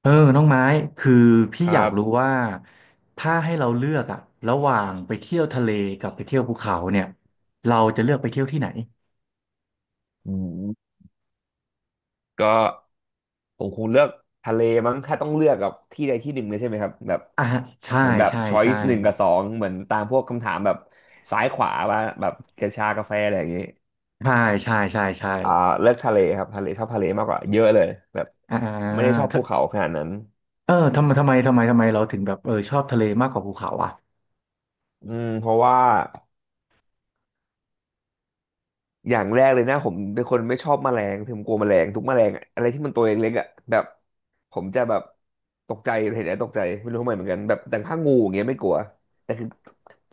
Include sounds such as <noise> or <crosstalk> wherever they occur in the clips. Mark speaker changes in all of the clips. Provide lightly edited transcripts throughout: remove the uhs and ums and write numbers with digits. Speaker 1: เออน้องไม้คือพี่
Speaker 2: ค
Speaker 1: อ
Speaker 2: รั
Speaker 1: ยากรู้
Speaker 2: บ
Speaker 1: ว่าถ้าให้เราเลือกอะระหว่างไปเที่ยวทะเลกับไปเที่ยวภูเขาเนี่ยเราจะเลือกไปเที่ยวที่ไหน
Speaker 2: อืมก็ผมคงเลือกทะเลมั้ง ถ้าต้องเลือกกับที่ใดที่หนึ่งเลยใช่ไหมครับแบบ
Speaker 1: อ่ะฮะใช่
Speaker 2: เหมือนแบบ
Speaker 1: ใช่
Speaker 2: ช้อย
Speaker 1: ใช่
Speaker 2: ส์หนึ่งกับสองเหมือนตามพวกคำถามแบบซ้ายขวาว่าแบบกระชากาแฟอะไรอย่างนี้
Speaker 1: ใช่ใช่ใช่ใช่
Speaker 2: อ่าเลือกทะเลครับทะเลชอบทะเลมากกว่าเยอะเลยแบบ
Speaker 1: อ่า
Speaker 2: ไม่ได้ชอบ
Speaker 1: ถ้า
Speaker 2: ภูเขาขนาดนั้น
Speaker 1: เออทำไมเราถึงแบบเออชอบทะเลมากกว่าภูเขาอ่ะ
Speaker 2: เพราะว่า อย่างแรกเลยนะผมเป็นคนไม่ชอบแมลงผมกลัวแมลงทุกแมลงอะอะไรที่มันตัวเล็กๆอ่ะแบบผมจะแบบตกใจเห็นแล้วตกใจไม่รู้ทำไมเหมือนกันแบบแต่ถ้างูอย่างเงี้ยไม่กลัวแต่คือ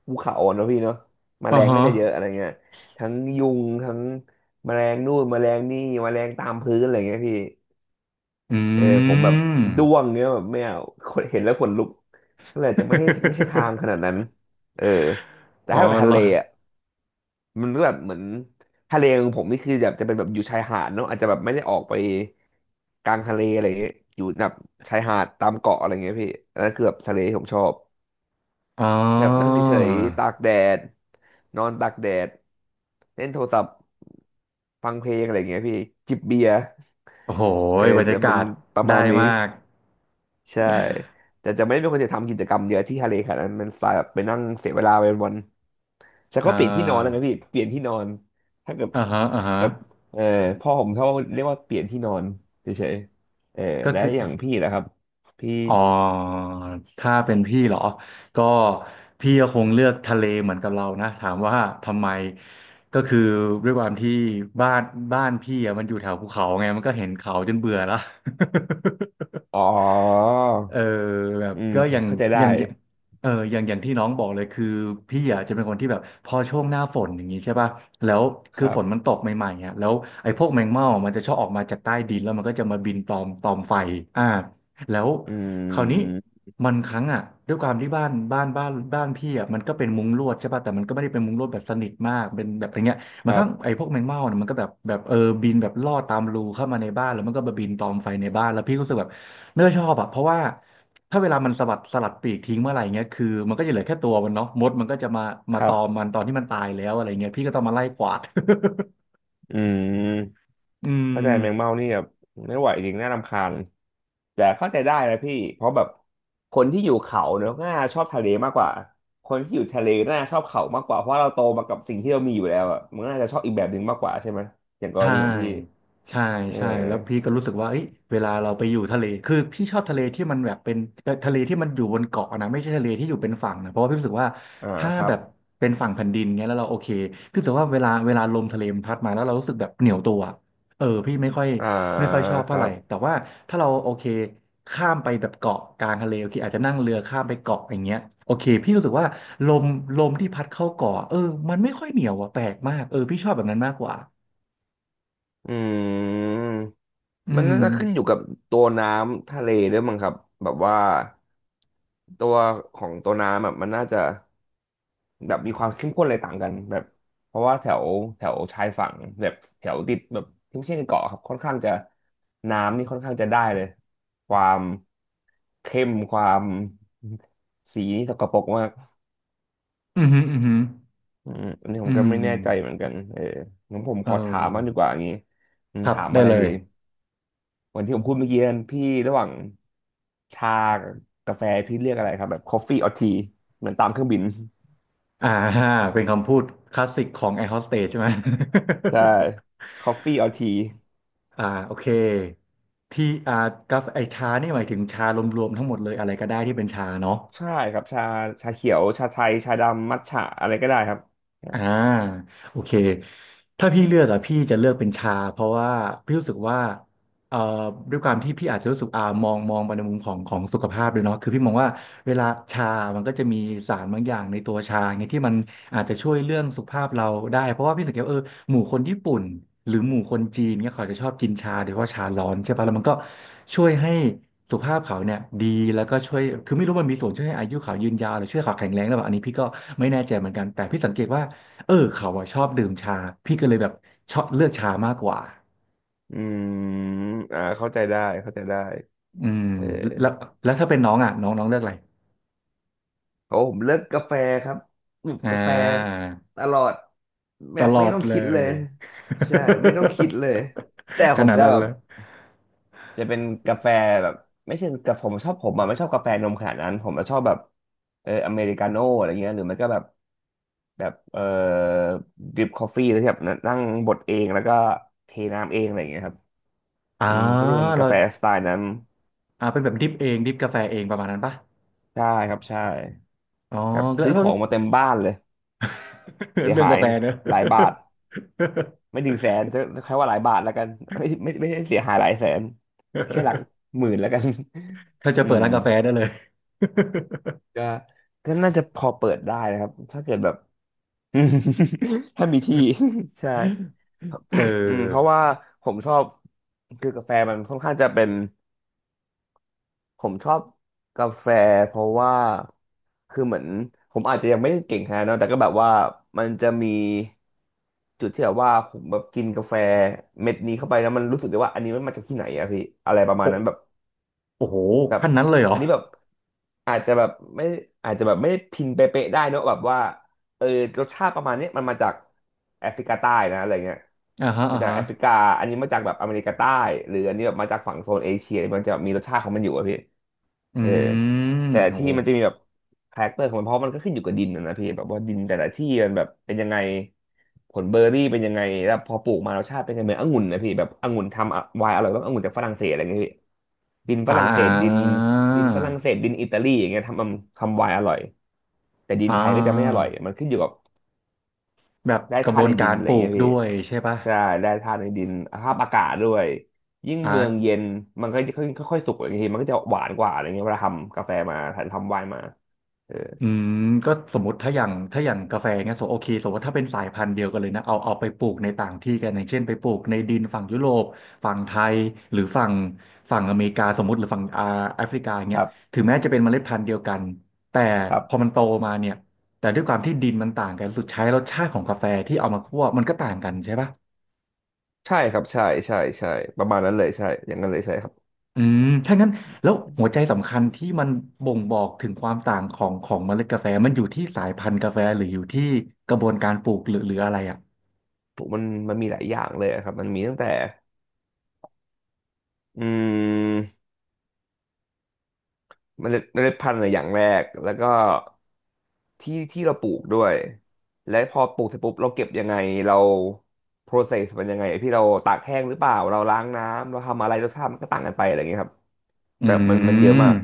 Speaker 2: ภูเขาอ่อนเนอะพี่เนาะแม
Speaker 1: อ่า
Speaker 2: ลงก็
Speaker 1: ฮะ
Speaker 2: จะเยอะอะไรเงี้ยทั้งยุงทั้งแมลงนู่นแมลงนี่แมลงตามพื้นอะไรเงี้ยพี่
Speaker 1: อื
Speaker 2: เออผมแบบ
Speaker 1: ม
Speaker 2: ด้วงเงี้ยแบบไม่เอาคนเห็นแล้วขนลุกก็เลยจะไม่ให้ไม่ใช่ทางขนาด
Speaker 1: <laughs>
Speaker 2: นั้นเออแต่
Speaker 1: อ๋อ
Speaker 2: ถ้าไป
Speaker 1: เห
Speaker 2: ทะ
Speaker 1: ร
Speaker 2: เล
Speaker 1: อ
Speaker 2: อ่ะ มันก็แบบเหมือนทะเลของผมนี่คือแบบจะเป็นแบบอยู่ชายหาดเนาะอาจจะแบบไม่ได้ออกไปกลางทะเลอะไรเงี้ยอยู่แบบชายหาดตามเกาะอะไรเงี้ยพี่อันนั้นคือแบบทะเลที่ผมชอบ
Speaker 1: อ๋อ
Speaker 2: แบบนั่งเฉยๆตากแดดนอนตากแดดเล่นโทรศัพท์ฟังเพลงอะไรเงี้ยพี่จิบเบียร์
Speaker 1: โอ้โห
Speaker 2: เออ
Speaker 1: บรร
Speaker 2: จะ
Speaker 1: ยา
Speaker 2: เป็น
Speaker 1: กาศ
Speaker 2: ประ
Speaker 1: ได้
Speaker 2: มาณนี้
Speaker 1: มาก
Speaker 2: ใช่แต่จะไม่เป็นคนจะทำกิจกรรมเยอะที่ทะเลขนาดนั้นมันสายแบบไปนั่งเสียเวลาไปวันๆแต่
Speaker 1: <laughs> อ่
Speaker 2: ก็เปลี่ยนที่นอนแล้วไง
Speaker 1: า
Speaker 2: พี่เปลี่ยนที่นอนถ้าเกิด
Speaker 1: อ่าฮะอ่าฮะ
Speaker 2: แบบเออพ่อผมเขาเรียกว่าเปลี่ยนที่นอนเฉยๆเออ
Speaker 1: ก็
Speaker 2: และ
Speaker 1: คือ
Speaker 2: อย่างพี่นะครับพี่
Speaker 1: อ๋อถ้าเป็นพี่เหรอก็พี่ก็คงเลือกทะเลเหมือนกับเรานะถามว่าทำไมก็คือด้วยความที่บ้านบ้านพี่อะมันอยู่แถวภูเขาไงมันก็เห็นเขาจนเบื่อแล้ว <laughs>
Speaker 2: อ๋อ
Speaker 1: เออแบบ
Speaker 2: อืม
Speaker 1: ก็อย่าง
Speaker 2: เข้าใจได้
Speaker 1: อย่างอย่างเอออย่างที่น้องบอกเลยคือพี่อ่ะจะเป็นคนที่แบบพอช่วงหน้าฝนอย่างนี้ใช่ป่ะแล้ว
Speaker 2: ค
Speaker 1: คือ
Speaker 2: รั
Speaker 1: ฝ
Speaker 2: บ
Speaker 1: นมันตกใหม่ๆอ่ะแล้วไอ้พวกแมงเม่ามันจะชอบออกมาจากใต้ดินแล้วมันก็จะมาบินตอมไฟอ่าแล้ว
Speaker 2: อื
Speaker 1: คราวนี้
Speaker 2: ม
Speaker 1: มันครั้งอ่ะด้วยความที่บ้านพี่อ่ะมันก็เป็นมุ้งลวดใช่ป่ะแต่มันก็ไม่ได้เป็นมุ้งลวดแบบสนิทมากเป็นแบบอะไรเงี้ย
Speaker 2: ค
Speaker 1: มัน
Speaker 2: รั
Speaker 1: ข้างไอ้
Speaker 2: บ
Speaker 1: พวกแมงเม่าเนี่ยมันก็แบบเออบินแบบลอดตามรูเข้ามาในบ้านแล้วมันก็มาบินตอมไฟในบ้านแล้วพี่ก็รู้สึกแบบไม่ค่อยชอบอ่ะเพราะว่าถ้าเวลามันสะบัดสลัดปีกทิ้งเมื่อไหร่เงี้ยคือมันก็จะเหลือแค่ตัวมันเนาะมดมันก็จะมา
Speaker 2: ค
Speaker 1: มาต
Speaker 2: รั
Speaker 1: อม
Speaker 2: บ
Speaker 1: มันตอนที่มันตายแล้วอะไรเงี้ยพี่ก็ต้องมาไล่กวาด <laughs>
Speaker 2: อืม
Speaker 1: อืม
Speaker 2: เข้าใจแมงเม่านี่แบบไม่ไหวจริงน่ารำคาญแต่เข้าใจได้นะพี่เพราะแบบคนที่อยู่เขาเนอะน่าชอบทะเลมากกว่าคนที่อยู่ทะเลน่าชอบเขามากกว่าเพราะเราโตมากับสิ่งที่เรามีอยู่แล้วอะมันน่าจะชอบอีกแบบหนึ่งมากกว่าใช่ไหมอย่างกร
Speaker 1: ใช่
Speaker 2: ณีของพี่
Speaker 1: ใช่
Speaker 2: เออ
Speaker 1: ใช่แล้วพี่ก็รู้สึกว่าเอ้ยเวลาเราไปอยู่ทะเล คือพี่ชอบทะเลที่มันแบบเป็นทะเลที่มันอยู่บนเกาะนะไม่ใช่ทะเลที่อยู่เป็นฝั่งนะเพราะว่าพี่รู้สึกว่า
Speaker 2: อ่า
Speaker 1: ถ้า
Speaker 2: ครั
Speaker 1: แบ
Speaker 2: บ
Speaker 1: บเป็นฝั่งแผ่นดินเงี้ยแล้วเราโอเค พี่รู้สึกว่าเวลาลมทะเลมันพัดมาแล้วเรารู้สึกแบบเหนียวตัวเออพี่ไม่ค่อย
Speaker 2: อ่า
Speaker 1: ไม่ค่อยชอบ
Speaker 2: ค
Speaker 1: เท่า
Speaker 2: รั
Speaker 1: ไหร่
Speaker 2: บ
Speaker 1: แต่ว่าถ้าเราโอเคข้ามไปแบบเกาะกลางทะเลโอเคอาจจะนั่งเรือข้ามไปเกาะอย่างเงี้ยโอเคพี่รู้สึกว่าลมลมที่พัดเข้าเกาะเออมันไม่ค่อยเหนียวอะแปลกมากเออพี่ชอบแบบนั้นมากกว่า
Speaker 2: อืม
Speaker 1: อื
Speaker 2: มันน่า
Speaker 1: ม
Speaker 2: จะขึ้นอยู่กับตัวน้ำทะเลด้วยมั้งครับแบบว่าตัวของตัวน้ำแบบมันน่าจะแบบมีความเข้มข้นอะไรต่างกันแบบเพราะว่าแถวแถวชายฝั่งแบบแถวติดแบบที่ไม่ใช่ในเกาะครับค่อนข้างจะน้ำนี่ค่อนข้างจะได้เลยความเข้มความสีนี่สกปรกมาก
Speaker 1: อืมอืม อืม
Speaker 2: อันนี้ผ
Speaker 1: อื
Speaker 2: มก็
Speaker 1: ม
Speaker 2: ไม่แน่ใจเหมือนกันเอองั้นผม
Speaker 1: เอ
Speaker 2: ขอถามมางดี
Speaker 1: อ
Speaker 2: กว่าอย่างนี้
Speaker 1: ครับ
Speaker 2: ถาม
Speaker 1: ได้
Speaker 2: อะไร
Speaker 1: เล
Speaker 2: ดี
Speaker 1: ย
Speaker 2: เหมือนที่ผมพูดเมื่อกี้นั้นพี่ระหว่างชากับกาแฟพี่เลือกอะไรครับแบบ coffee or tea เหมือนตามเครื่องบิน
Speaker 1: อ่า <laughs> ฮะเป็นคำพูดคลาสสิกของแอร์โฮสเตสใช่ไหม
Speaker 2: ใช่ coffee or tea
Speaker 1: <laughs> อ่าโอเค ที่อ่ากาแฟไอชานี่หมายถึงชารวมๆทั้งหมดเลยอะไรก็ได้ที่เป็นชาเนาะ
Speaker 2: ใช่ครับชาชาเขียวชาไทยชาดำมัทฉะอะไรก็ได้ครับ
Speaker 1: อ่าโอเคถ้าพี่เลือกอะพี่จะเลือกเป็นชาเพราะว่าพี่รู้สึกว่าเอ่อด้วยความที่พี่อาจจะรู้สึกอ่ามองไปในมุมของสุขภาพด้วยเนาะคือพี่มองว่าเวลาชามันก็จะมีสารบางอย่างในตัวชาไงที่มันอาจจะช่วยเรื่องสุขภาพเราได้เพราะว่าพี่สังเกตว่าเออหมู่คนญี่ปุ่นหรือหมู่คนจีนเนี่ยเขาจะชอบกินชาโดยเฉพาะชาร้อนใช่ปะแล้วมันก็ช่วยให้สุขภาพเขาเนี่ยดีแล้วก็ช่วยคือไม่รู้มันมีส่วนช่วยให้อายุเขายืนยาวหรือช่วยเขาแข็งแรงหรือเปล่าอันนี้พี่ก็ไม่แน่ใจเหมือนกันแต่พี่สังเกตว่า เออเขาอะชอบดื่มชาพี่ก็เลยแบบชอบเลือกชามากกว่า
Speaker 2: อืมอ่าเข้าใจได้เข้าใจได้
Speaker 1: อืม
Speaker 2: เออ
Speaker 1: แล้วแล้วถ้าเป็นน้องอ่ะน้องน้องเลือกอะไร
Speaker 2: โอ้ผมเลิกกาแฟครับหยุบ
Speaker 1: อ่
Speaker 2: กาแฟ
Speaker 1: า
Speaker 2: ตลอดแบ
Speaker 1: ต
Speaker 2: บ
Speaker 1: ล
Speaker 2: ไม่
Speaker 1: อด
Speaker 2: ต้อง
Speaker 1: เล
Speaker 2: คิดเล
Speaker 1: ย
Speaker 2: ยใช่ไม่ต้องคิดเลยแต่
Speaker 1: <laughs> ข
Speaker 2: ผม
Speaker 1: นาด
Speaker 2: จะ
Speaker 1: นั้น
Speaker 2: แบ
Speaker 1: เล
Speaker 2: บ
Speaker 1: ย
Speaker 2: จะเป็นกาแฟแบบไม่ใช่กาแฟผมชอบผมอ่ะไม่ชอบกาแฟนมขนาดนั้นผมจะชอบแบบเอออเมริกาโน่อะไรเงี้ยหรือไม่ก็แบบแบบเออดริปคอฟฟี่แล้วที่แบบนั่งบดเองแล้วก็เทน้ำเองอะไรอย่างเงี้ยครับ
Speaker 1: อ่า
Speaker 2: ก็จะเป็น
Speaker 1: เรา
Speaker 2: กาแฟสไตล์นั้น
Speaker 1: อ่าเป็นแบบดริปเองดริปกาแฟเองประมาณนั้นปะ
Speaker 2: ใช่ครับใช่
Speaker 1: อ๋อ
Speaker 2: แบบ
Speaker 1: แล้ว
Speaker 2: ซื้อ
Speaker 1: แล้
Speaker 2: ข
Speaker 1: ว
Speaker 2: อ
Speaker 1: แล้
Speaker 2: ง
Speaker 1: ว
Speaker 2: มาเต็มบ้านเลยเสี
Speaker 1: <laughs>
Speaker 2: ย
Speaker 1: เรื่อง
Speaker 2: หา
Speaker 1: กา
Speaker 2: ย
Speaker 1: แฟเนอะ
Speaker 2: หลายบาท ไม่ถึงแสนจะใช้ว่าหลายบาทแล้วกันไม่ไม่ไม่ได้เสียหายหลายแสนแค่หลัก
Speaker 1: <laughs>
Speaker 2: หมื่นแล้วกัน
Speaker 1: ถ้าจะ
Speaker 2: <laughs> อื
Speaker 1: เปิด
Speaker 2: ม
Speaker 1: ร้านกาแฟได้เลย
Speaker 2: ก็ก็น่าจะพอเปิดได้นะครับถ้าเกิดแบบ <laughs> ถ้ามีที่ <laughs> ใช่
Speaker 1: <laughs> เ
Speaker 2: <coughs> เพราะ
Speaker 1: ออ
Speaker 2: ว่าผมชอบคือกาแฟมันค่อนข้างจะเป็น ผมชอบกาแฟเพราะว่าคือเหมือนผมอาจจะยังไม่ได้เก่งขนาดนั้นแต่ก็แบบว่ามันจะมีจุดที่แบบว่าผมแบบกินกาแฟเม็ดนี้เข้าไปแล้วมันรู้สึกได้ว่าอันนี้มันมาจากที่ไหนอะพี่อะไรประมาณนั้น
Speaker 1: โอ
Speaker 2: แบบ
Speaker 1: โอ้โห
Speaker 2: แบบ
Speaker 1: ขั้นนั้นเลยเหรอ
Speaker 2: อันนี้แบบอาจจะแบบไม่อาจจะแบบไม่พินเป๊ะๆได้เนอะแบบว่าเออรสชาติประมาณเนี้ยมันมาจากแอฟริกาใต้นะอะไรเงี้ย
Speaker 1: อ่าฮะ
Speaker 2: มา
Speaker 1: อ่า
Speaker 2: จาก
Speaker 1: ฮะ
Speaker 2: แอฟริกาอันนี้มาจากแบบอเมริกาใต้หรืออันนี้แบบมาจากฝั่งโซนเอเชียมันจะมีรสชาติของมันอยู่อะพี่
Speaker 1: อื
Speaker 2: เออ
Speaker 1: ม
Speaker 2: แต่
Speaker 1: โอ้
Speaker 2: ที่
Speaker 1: โห
Speaker 2: มันจะมีแบบคาแรคเตอร์ของมันเพราะมันก็ขึ้นอยู่กับดินนะนะพี่แบบว่าดินแต่ละที่มันแบบเป็นยังไง ผลเบอร์รี่เป็นยังไงแล้วพอปลูกมารสชาติเป็นยังไงเหมือนองุ่นนะพี่แบบองุ่นทำอะไวน์อร่อยต้ององุ่นจากฝรั่งเศสอะไรอย่างเงี้ยพี่ดินฝ
Speaker 1: อ่
Speaker 2: รั่งเศสดิน
Speaker 1: า
Speaker 2: ฝรั่งเศสดินอิตาลีอย่างเงี้ยทำไวน์อร่อยแต่ดิน
Speaker 1: อ่
Speaker 2: ไทยก็จะไม่อร่อย
Speaker 1: า
Speaker 2: มันขึ้นอยู่กับ
Speaker 1: แบบ
Speaker 2: แร่
Speaker 1: กระ
Speaker 2: ธา
Speaker 1: บว
Speaker 2: ตุใน
Speaker 1: น
Speaker 2: ดิ
Speaker 1: กา
Speaker 2: น
Speaker 1: ร
Speaker 2: อะไร
Speaker 1: ป
Speaker 2: อย่า
Speaker 1: ลู
Speaker 2: งเงี้
Speaker 1: ก
Speaker 2: ยพี่
Speaker 1: ด้วยใช่ปะ
Speaker 2: ใช่แร่ธาตุในดินสภาพอากาศด้วยยิ่งเมือง
Speaker 1: อ่า
Speaker 2: เย็นมันก็จะค่อยๆสุกอย่างทีมันก็จะหวานกว่าอะไรเงี้ยเวลาทำกาแฟมาทำไวน์มาเออ
Speaker 1: อืมก็สมมติถ้าอย่างกาแฟเงี้ยสมมติโอเคสมมติว่าถ้าเป็นสายพันธุ์เดียวกันเลยนะเอาไปปลูกในต่างที่กันอย่างเช่นไปปลูกในดินฝั่งยุโรปฝั่งไทยหรือฝั่งอเมริกาสมมติหรือฝั่งอ่าแอฟริกา
Speaker 2: ค
Speaker 1: เงี้ย
Speaker 2: รั
Speaker 1: ถึ
Speaker 2: บ
Speaker 1: งแม้จะเป็นเมล็ดพันธุ์เดียวกันแต่
Speaker 2: ครับ
Speaker 1: พอมันโตมาเนี่ยแต่ด้วยความที่ดินมันต่างกันสุดท้ายรสชาติของกาแฟที่เอามาคั่วมันก็ต่างกันใช่ปะ
Speaker 2: ใช่ครับใช่ ใช่ใช่ประมาณนั้นเลยใช่อย่างนั้นเลยใช่ครับ
Speaker 1: อืมถ้างั้นแล้วหัวใจสำคัญที่มันบ่งบอกถึงความต่างของเมล็ดกาแฟมันอยู่ที่สายพันธุ์กาแฟหรืออยู่ที่กระบวนการปลูกหรืออะไรอ่ะ
Speaker 2: ผมมันมีหลายอย่างเลยอะครับมันมีตั้งแต่อืมเมล็ดพันธุ์อะอย่างแรกแล้วก็ที่เราปลูกด้วยและพอปลูกเสร็จปุ๊บเราเก็บยังไงเราโปรเซสมันยังไงพี่เราตากแห้งหรือเปล่าเราล้างน้ำเราทำอะไรรสชาติมันก็ต่างกันไปอะไรอย่างเงี้ยครับ
Speaker 1: อื
Speaker 2: แบบมันเยอะ
Speaker 1: ม
Speaker 2: มาก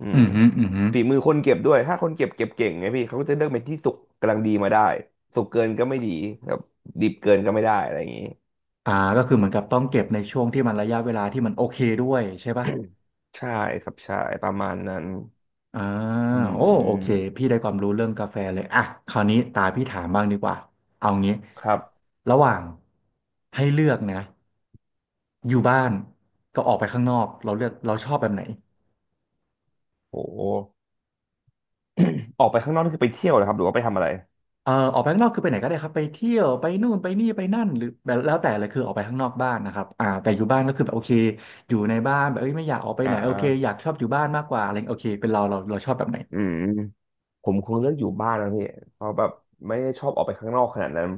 Speaker 2: อื
Speaker 1: อื
Speaker 2: ม
Speaker 1: มอืมอืมฮึ
Speaker 2: ฝีมือคนเก็บด้วยถ้าคนเก็บเก่งไงพี่เขาก็จะเลือกเป็นที่สุกกำลังดีมาได้สุกเกินก็ไม่ดีแบบดิบเกินก็ไม่ได้อะไรอย่างงี้
Speaker 1: อ่าก็คือเหมือนกับต้องเก็บในช่วงที่มันระยะเวลาที่มันโอเคด้วยใช่ป่ะ
Speaker 2: ใช่ครับใช่ประมาณนั้น
Speaker 1: อ่า
Speaker 2: อื
Speaker 1: โอ้โอเค
Speaker 2: ม
Speaker 1: พี่ได้ความรู้เรื่องกาแฟเลยอ่ะคราวนี้ตาพี่ถามบ้างดีกว่า เอางี้
Speaker 2: ครับ
Speaker 1: ระหว่างให้เลือกนะอยู่บ้านก็ออกไปข้างนอกเราเลือกเราชอบแบบไหน
Speaker 2: โหออกไปข้างนอกนี่คือไปเที่ยวเหรอครับหรือว่าไปทำอะไร
Speaker 1: ออกไปข้างนอกคือไปไหนก็ได้ครับไปเที่ยวไปนู่นไปนี่ไปนั่นหรือแบบแล้วแต่เลยคือออกไปข้างนอกบ้านนะครับอ่าแต่อยู่บ้านก็คือแบบโอเคอยู่ในบ้านแบบเอ้ยไม่อยากออกไป
Speaker 2: อ่
Speaker 1: ไหนโอเคอยาก
Speaker 2: า
Speaker 1: ชอบอยู่บ้านมากกว่าอะไรโอเคเป็นเราชอบแบบไหน
Speaker 2: อืมผมคงเลือกอยู่บ้านนะพี่เพราะแบบไม่ได้ชอบออกไปข้างนอกขนาดนั้น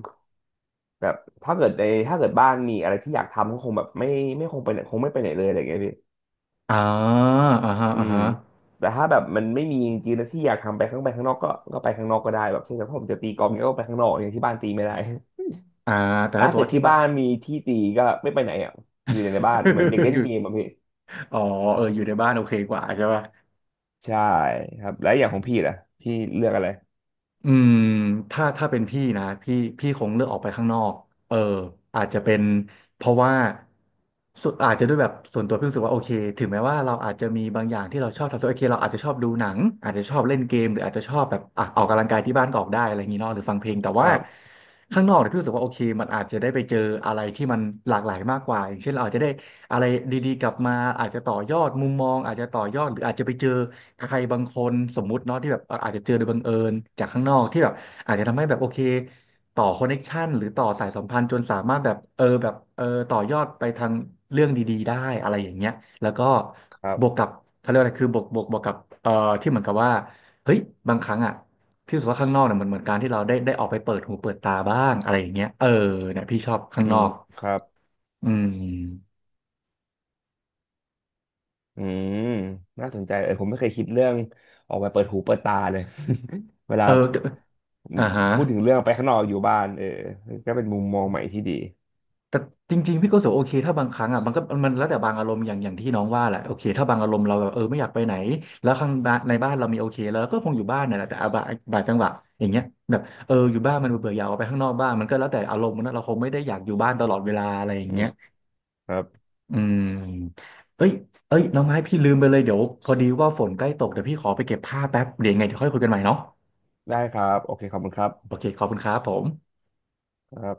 Speaker 2: แบบถ้าเกิดในถ้าเกิดบ้านมีอะไรที่อยากทำก็คงแบบไม่คงไปไหนคงไม่ไปไหนเลยอะไรอย่างเงี้ยพี่
Speaker 1: อ่าอ่าฮะ
Speaker 2: อื
Speaker 1: อ่า
Speaker 2: ม
Speaker 1: ฮะ
Speaker 2: แต่ถ้าแบบมันไม่มีจริงๆนะที่อยากทำไปข้างนอกก็ไปข้างนอกก็ได้แบบเช่นแบบผมจะตีกอล์ฟเนี่ยก็ไปข้างนอกอย่างที่บ้านตีไม่ได้
Speaker 1: อ่าแต่
Speaker 2: ถ้า
Speaker 1: ถ้าตั
Speaker 2: เกิด
Speaker 1: วาที่
Speaker 2: ที่
Speaker 1: บ้า
Speaker 2: บ้า
Speaker 1: น
Speaker 2: นมีที่ตีก็ไม่ไปไหนอ่ะอยู่แต่ในบ้านเหมือนเด็ก
Speaker 1: <laughs>
Speaker 2: เล่
Speaker 1: อ
Speaker 2: น
Speaker 1: ยู่
Speaker 2: เกมอ่ะพี่
Speaker 1: อ๋อเอออยู่ในบ้านโอเคกว่าใช่ป่ะ
Speaker 2: ใช่ครับแล้วอย่างของพี่ล่ะพี่เลือกอะไร
Speaker 1: อืมถ้าเป็นพี่นะพี่พี่คงเลือกออกไปข้างนอกเอออาจจะเป็นเพราะว่าสุดอาจจะด้วยแบบส่วนตัวพี่รู้สึกว่าโอเคถึงแม้ว่าเราอาจจะมีบางอย่างที่เราชอบทำส่วนโอเคเราอาจจะชอบดูหนังอาจจะชอบเล่นเกมหรืออาจจะชอบแบบอ่ะออกกำลังกายที่บ้านก็ออกได้อะไรอย่างงี้เนาะหรือฟังเพลงแต่
Speaker 2: ค
Speaker 1: ว่า
Speaker 2: รับ
Speaker 1: ข้างนอกเนี่ยพี่รู้สึกว่าโอเคมันอาจจะได้ไปเจออะไรที่มันหลากหลายมากกว่าอย่างเช่นเราอาจจะได้ อะไรดีๆกลับมาอาจจะต่อยอดมุมมองอาจจะต่อยอดหรืออาจจะไปเจอใครบางคนสมมุติเนาะที่แบบอาจจะเจอโดยบังเอิญจากข้างนอกที่แบบอาจจะทำให้แบบโอเคต่อคอนเน็กชันหรือต่อสายสัมพันธ์จนสามารถแบบเออแบบเออต่อยอดไปทางเรื่องดีๆได้อะไรอย่างเงี้ยแล้วก็
Speaker 2: ครั
Speaker 1: บวก
Speaker 2: บ
Speaker 1: กับเขาเรียกว่าอะไรคือบวกกับเอ่อที่เหมือนกับว่าเฮ้ยบางครั้งอ่ะพี่รู้สึกว่าข้างนอกเนี่ยเหมือนการที่เราได้ออกไปเปิดหูเปิดตาบ้างอะไรอย่างเงี้ยเออเนี่ยพี่ชอบข้าง
Speaker 2: อื
Speaker 1: นอ
Speaker 2: ม
Speaker 1: ก
Speaker 2: ครับ
Speaker 1: อืม
Speaker 2: อืมน่าสนใจเออผมไม่เคยคิดเรื่องออกไปเปิดหูเปิดตาเลย <laughs> เวลา
Speaker 1: เออ อ่าฮะ
Speaker 2: พูดถึงเรื่องไปข้างนอกอยู่บ้านเออก็เป็นมุมมองใหม่ที่ดี
Speaker 1: แต่จริงๆพี่ก็รู้สึกว่าโอเคถ้าบางครั้งอ่ะมันก็มันแล้วแต่บางอารมณ์อย่างที่น้องว่าแหละโอเคถ้าบางอารมณ์เราแบบเออไม่อยากไปไหนแล้วข้างบ้านในบ้านเรามีโอเคแล้วก็คงอยู่บ้านนั่นแหละแต่อ่ะบางจังหวะอย่างเงี้ยแบบเอออยู่บ้านมันเบื่อๆอยากออกไปข้างนอกบ้างมันก็แล้วแต่อารมณ์นะเราคงไม่ได้อยากอยู่บ้านตลอดเวลาอะไรอย่า
Speaker 2: อื
Speaker 1: งเงี้
Speaker 2: ม
Speaker 1: ย
Speaker 2: ครับ
Speaker 1: อืมเอ้ยเอ้ยน้องไม้พี่ลืมไปเลยเดี๋ยวพอดีว่าฝนใกล้ตกเดี๋ยวพี่ขอไปเก็บผ้าแป๊บเดี๋ยวยังไงเดี๋ยวค่อยคุยกันใหม่เนาะ
Speaker 2: ได้ครับโอเคขอบคุณครั
Speaker 1: โอ
Speaker 2: บ
Speaker 1: เคขอบคุณครับผม
Speaker 2: ครับ